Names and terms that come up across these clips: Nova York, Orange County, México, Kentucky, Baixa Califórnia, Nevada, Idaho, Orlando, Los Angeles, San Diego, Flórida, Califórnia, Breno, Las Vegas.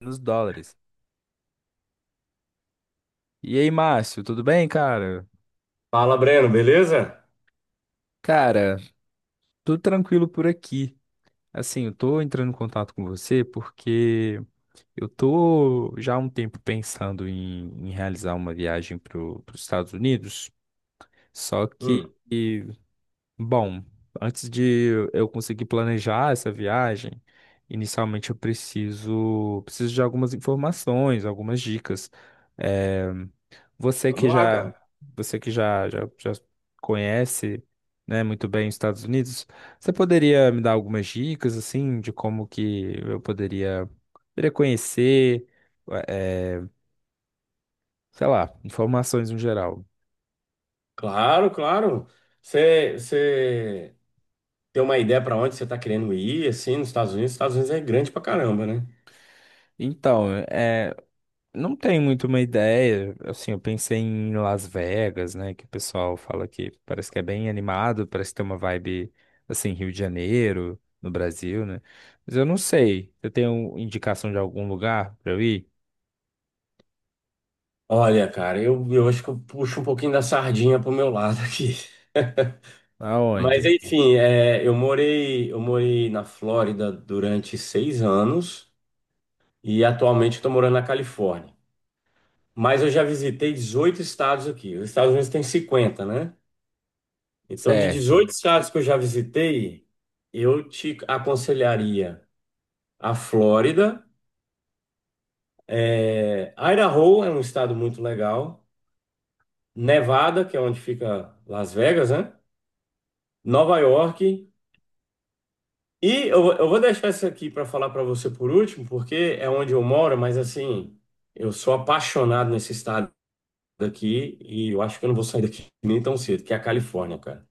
Nos dólares. E aí, Márcio, tudo bem, cara? Fala, Breno, beleza? Cara, tudo tranquilo por aqui. Assim, eu tô entrando em contato com você porque eu tô já há um tempo pensando em realizar uma viagem para os Estados Unidos. Só que, Hum, e, bom, antes de eu conseguir planejar essa viagem, inicialmente eu preciso de algumas informações, algumas dicas. Eh, Você que Vamos lá, já, cara. você que já conhece, né, muito bem os Estados Unidos, você poderia me dar algumas dicas, assim, de como que eu poderia, poderia conhecer, eh, sei lá, informações no geral? Claro, claro. Você tem uma ideia para onde você tá querendo ir, assim, nos Estados Unidos? Os Estados Unidos é grande pra caramba, né? Então, não tenho muito uma ideia. Assim, eu pensei em Las Vegas, né? Que o pessoal fala que parece que é bem animado, parece que tem uma vibe assim, Rio de Janeiro, no Brasil, né? Mas eu não sei. Você tem um- indicação de algum lugar pra eu ir? Olha, cara, eu acho que eu puxo um pouquinho da sardinha pro meu lado aqui. Mas, Aonde? enfim, é, eu morei na Flórida durante 6 anos e atualmente estou morando na Califórnia. Mas eu já visitei 18 estados aqui. Os Estados Unidos tem 50, né? Então, de Certo, 18 estados que eu já visitei, eu te aconselharia a Flórida. É, Idaho é um estado muito legal. Nevada, que é onde fica Las Vegas, né? Nova York. E eu vou deixar isso aqui para falar para você por último, porque é onde eu moro, mas assim, eu sou apaixonado nesse estado daqui e eu acho que eu não vou sair daqui nem tão cedo, que é a Califórnia, cara.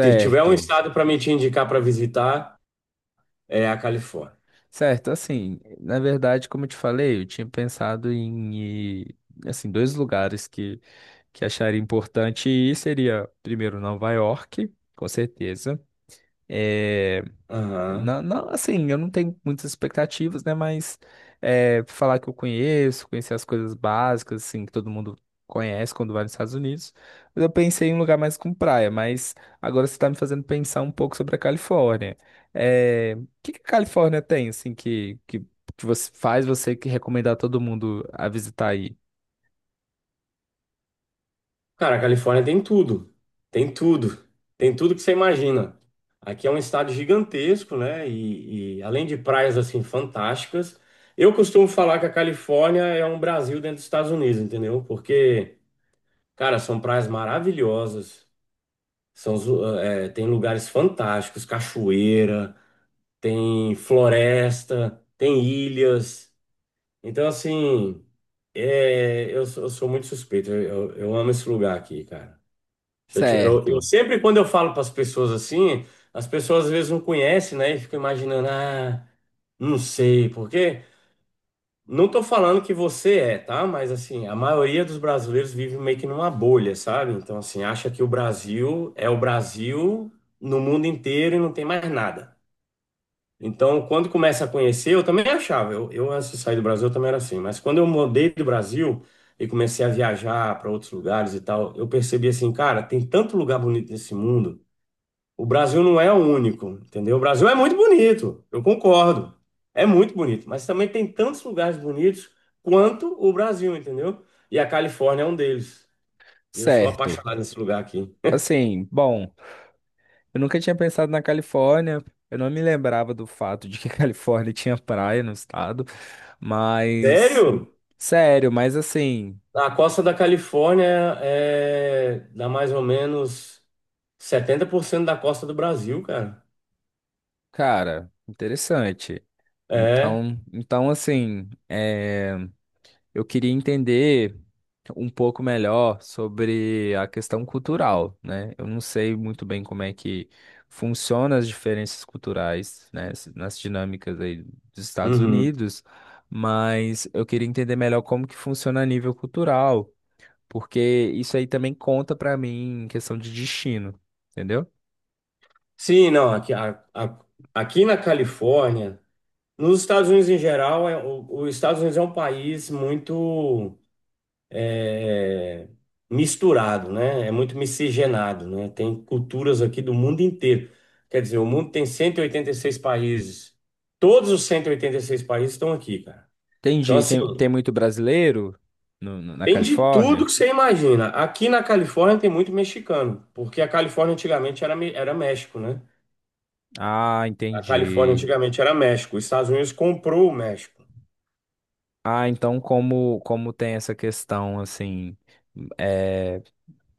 Se tiver um estado para me te indicar para visitar, é a Califórnia. certo. Assim, na verdade, como eu te falei, eu tinha pensado em ir, assim, dois lugares que acharia importante ir seria primeiro Nova York, com certeza. É, Aham. não, não, assim, eu não tenho muitas expectativas, né? Mas é, falar que eu conheço, conhecer as coisas básicas, assim, que todo mundo conhece quando vai nos Estados Unidos. Mas eu pensei em um lugar mais com praia, mas agora você está me fazendo pensar um pouco sobre a Califórnia. É, o que que a Califórnia tem, assim, que você faz você que recomendar todo mundo a visitar aí? Cara, a Califórnia tem tudo. Tem tudo. Tem tudo que você imagina. Aqui é um estado gigantesco, né? E além de praias assim fantásticas, eu costumo falar que a Califórnia é um Brasil dentro dos Estados Unidos, entendeu? Porque, cara, são praias maravilhosas. São, é, tem lugares fantásticos, cachoeira, tem floresta, tem ilhas. Então, assim, eu sou muito suspeito. Eu amo esse lugar aqui, cara. Eu Certo, sempre, quando eu falo para as pessoas assim, as pessoas às vezes não conhecem, né? E ficam imaginando, ah, não sei por quê. Não tô falando que você é, tá? Mas assim, a maioria dos brasileiros vive meio que numa bolha, sabe? Então, assim, acha que o Brasil é o Brasil no mundo inteiro e não tem mais nada. Então, quando começa a conhecer, eu também achava. Eu antes de sair do Brasil, eu também era assim. Mas quando eu mudei do Brasil e comecei a viajar para outros lugares e tal, eu percebi assim, cara, tem tanto lugar bonito nesse mundo. O Brasil não é o único, entendeu? O Brasil é muito bonito, eu concordo. É muito bonito, mas também tem tantos lugares bonitos quanto o Brasil, entendeu? E a Califórnia é um deles. E eu sou certo. apaixonado nesse lugar aqui. Assim, bom. Eu nunca tinha pensado na Califórnia. Eu não me lembrava do fato de que a Califórnia tinha praia no estado. Mas, Sério? sério, mas assim, A costa da Califórnia é dá mais ou menos 70% da costa do Brasil, cara. cara, interessante. É. Então, então assim, é, eu queria entender. Um pouco melhor sobre a questão cultural, né? Eu não sei muito bem como é que funciona as diferenças culturais, né, s- nas dinâmicas aí dos Estados Uhum. Unidos, mas eu queria entender melhor como que funciona a nível cultural, porque isso aí também conta para mim em questão de destino, entendeu? Sim, não, aqui, aqui na Califórnia, nos Estados Unidos em geral, os Estados Unidos é um país muito é, misturado, né? É muito miscigenado, né? Tem culturas aqui do mundo inteiro. Quer dizer, o mundo tem 186 países. Todos os 186 países estão aqui, cara. Então, Entendi. assim, Tem muito brasileiro na tem de tudo Califórnia? que você imagina. Aqui na Califórnia tem muito mexicano, porque a Califórnia antigamente era, era México, né? Ah, A Califórnia entendi. antigamente era México. Os Estados Unidos comprou o México. Ah, então como tem essa questão assim, é,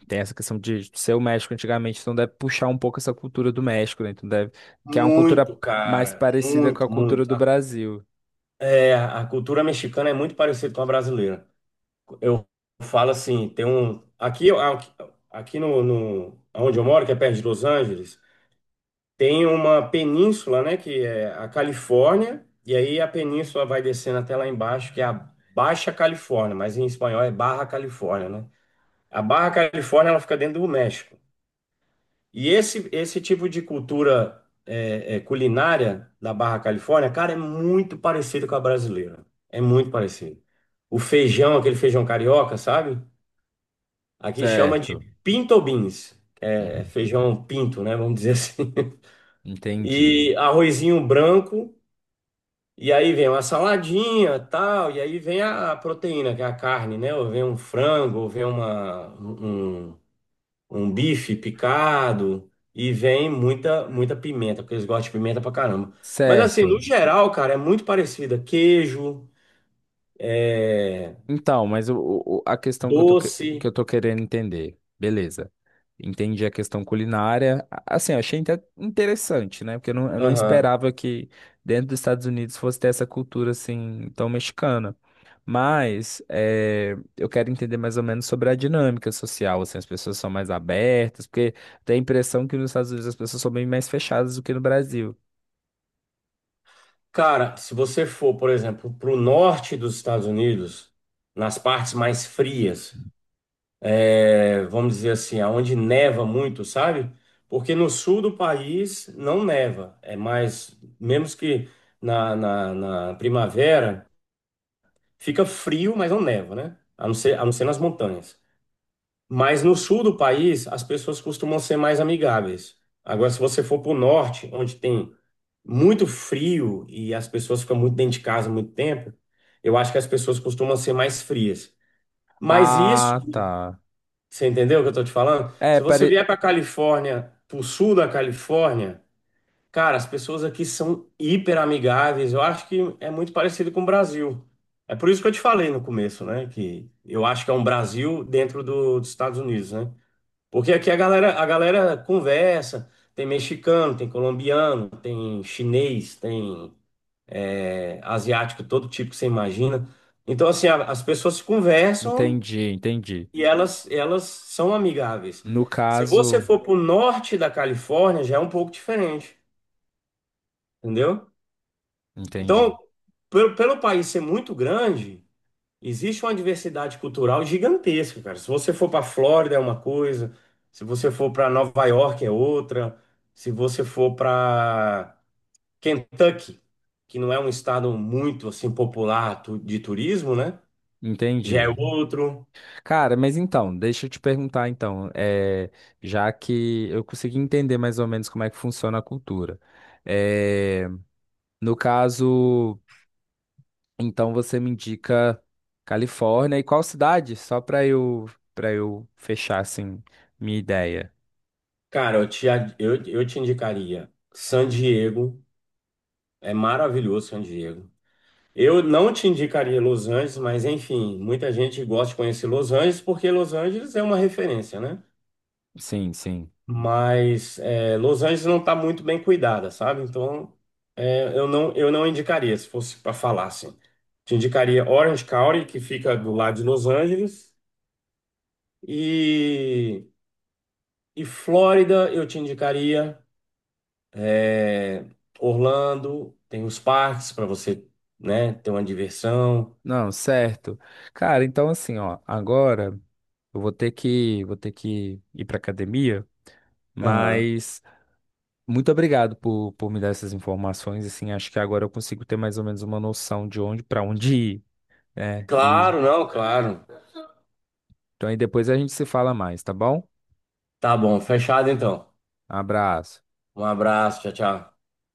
tem essa questão de ser o México antigamente, então deve puxar um pouco essa cultura do México, né? Então deve, que é uma cultura Muito, mais cara. parecida com Muito, a cultura muito. do Brasil. A cultura mexicana é muito parecida com a brasileira. Eu falo assim, tem um aqui aqui no, no onde eu moro, que é perto de Los Angeles, tem uma península, né, que é a Califórnia, e aí a península vai descendo até lá embaixo, que é a Baixa Califórnia, mas em espanhol é Barra Califórnia, né? A Barra Califórnia ela fica dentro do México. E esse tipo de cultura é, culinária da Barra Califórnia, cara, é muito parecido com a brasileira. É muito parecido. O feijão, aquele feijão carioca, sabe? Aqui chama de Certo. pinto beans, é Uhum. feijão pinto, né? Vamos dizer assim. Entendi. E arrozinho branco, e aí vem uma saladinha, tal, e aí vem a proteína, que é a carne, né? Ou vem um frango, ou vem um bife picado, e vem muita, muita pimenta, porque eles gostam de pimenta pra caramba. Mas assim, no Certo. geral, cara, é muito parecida. Queijo, é, Então, mas a questão que eu tô, que doce, eu tô querendo entender, beleza. Entendi a questão culinária. A- Assim, eu achei inte- interessante, né? Porque eu não aham. esperava que dentro dos Estados Unidos fosse ter essa cultura assim tão mexicana. Mas eh, eu quero entender mais ou menos sobre a dinâmica social, assim, as pessoas são mais abertas, porque tem a impressão que nos Estados Unidos as pessoas são bem mais fechadas do que no Brasil. Cara, se você for, por exemplo, para o norte dos Estados Unidos, nas partes mais frias, é, vamos dizer assim, aonde neva muito, sabe? Porque no sul do país não neva, é mais, menos que na primavera, fica frio, mas não neva, né? A não ser nas montanhas. Mas no sul do país, as pessoas costumam ser mais amigáveis. Agora, se você for para o norte, onde tem muito frio e as pessoas ficam muito dentro de casa muito tempo, eu acho que as pessoas costumam ser mais frias. Mas isso, Ah, tá. você entendeu o que eu tô te falando? É, Se você pare... vier para Califórnia, pro sul da Califórnia, cara, as pessoas aqui são hiper amigáveis. Eu acho que é muito parecido com o Brasil. É por isso que eu te falei no começo, né? Que eu acho que é um Brasil dentro do- dos Estados Unidos, né? Porque aqui a galera conversa, tem mexicano, tem colombiano, tem chinês, tem asiático, todo tipo que você imagina. Então, assim, a- as pessoas se conversam entendi, entendi. e elas são amigáveis. No Se você caso. for para o norte da Califórnia, já é um pouco diferente, entendeu? Entendi. Então, pelo país ser muito grande, existe uma diversidade cultural gigantesca, cara. Se você for para Flórida é uma coisa, se você for para Nova York é outra, se você for para Kentucky, que não é um estado muito assim popular de turismo, né? Já é Entendi. outro. Cara, mas então, deixa eu te perguntar então, é, já que eu consegui entender mais ou menos como é que funciona a cultura. É, no caso, então você me indica Califórnia e qual cidade? Só para eu fechar assim minha ideia. Cara, eu te indicaria San Diego. É maravilhoso San Diego. Eu não te indicaria Los Angeles, mas enfim, muita gente gosta de conhecer Los Angeles porque Los Angeles é uma referência, né? Sim, sim. Mas é, Los Angeles não está muito bem cuidada, sabe? Então é, eu não indicaria, se fosse para falar assim. Te indicaria Orange County, que fica do lado de Los Angeles, e, e Flórida eu te indicaria. É, Orlando, tem os parques para você, né, ter uma diversão. Não, certo. Cara, então assim, ó, agora eu vou ter que ir para academia, Aham. mas muito obrigado por me dar essas informações. Assim, acho que agora eu consigo ter mais ou menos uma noção de onde para onde ir, né? E Claro, não, claro. então aí depois a gente se fala mais, tá bom? Tá bom, fechado então. Abraço. Um abraço, tchau, tchau.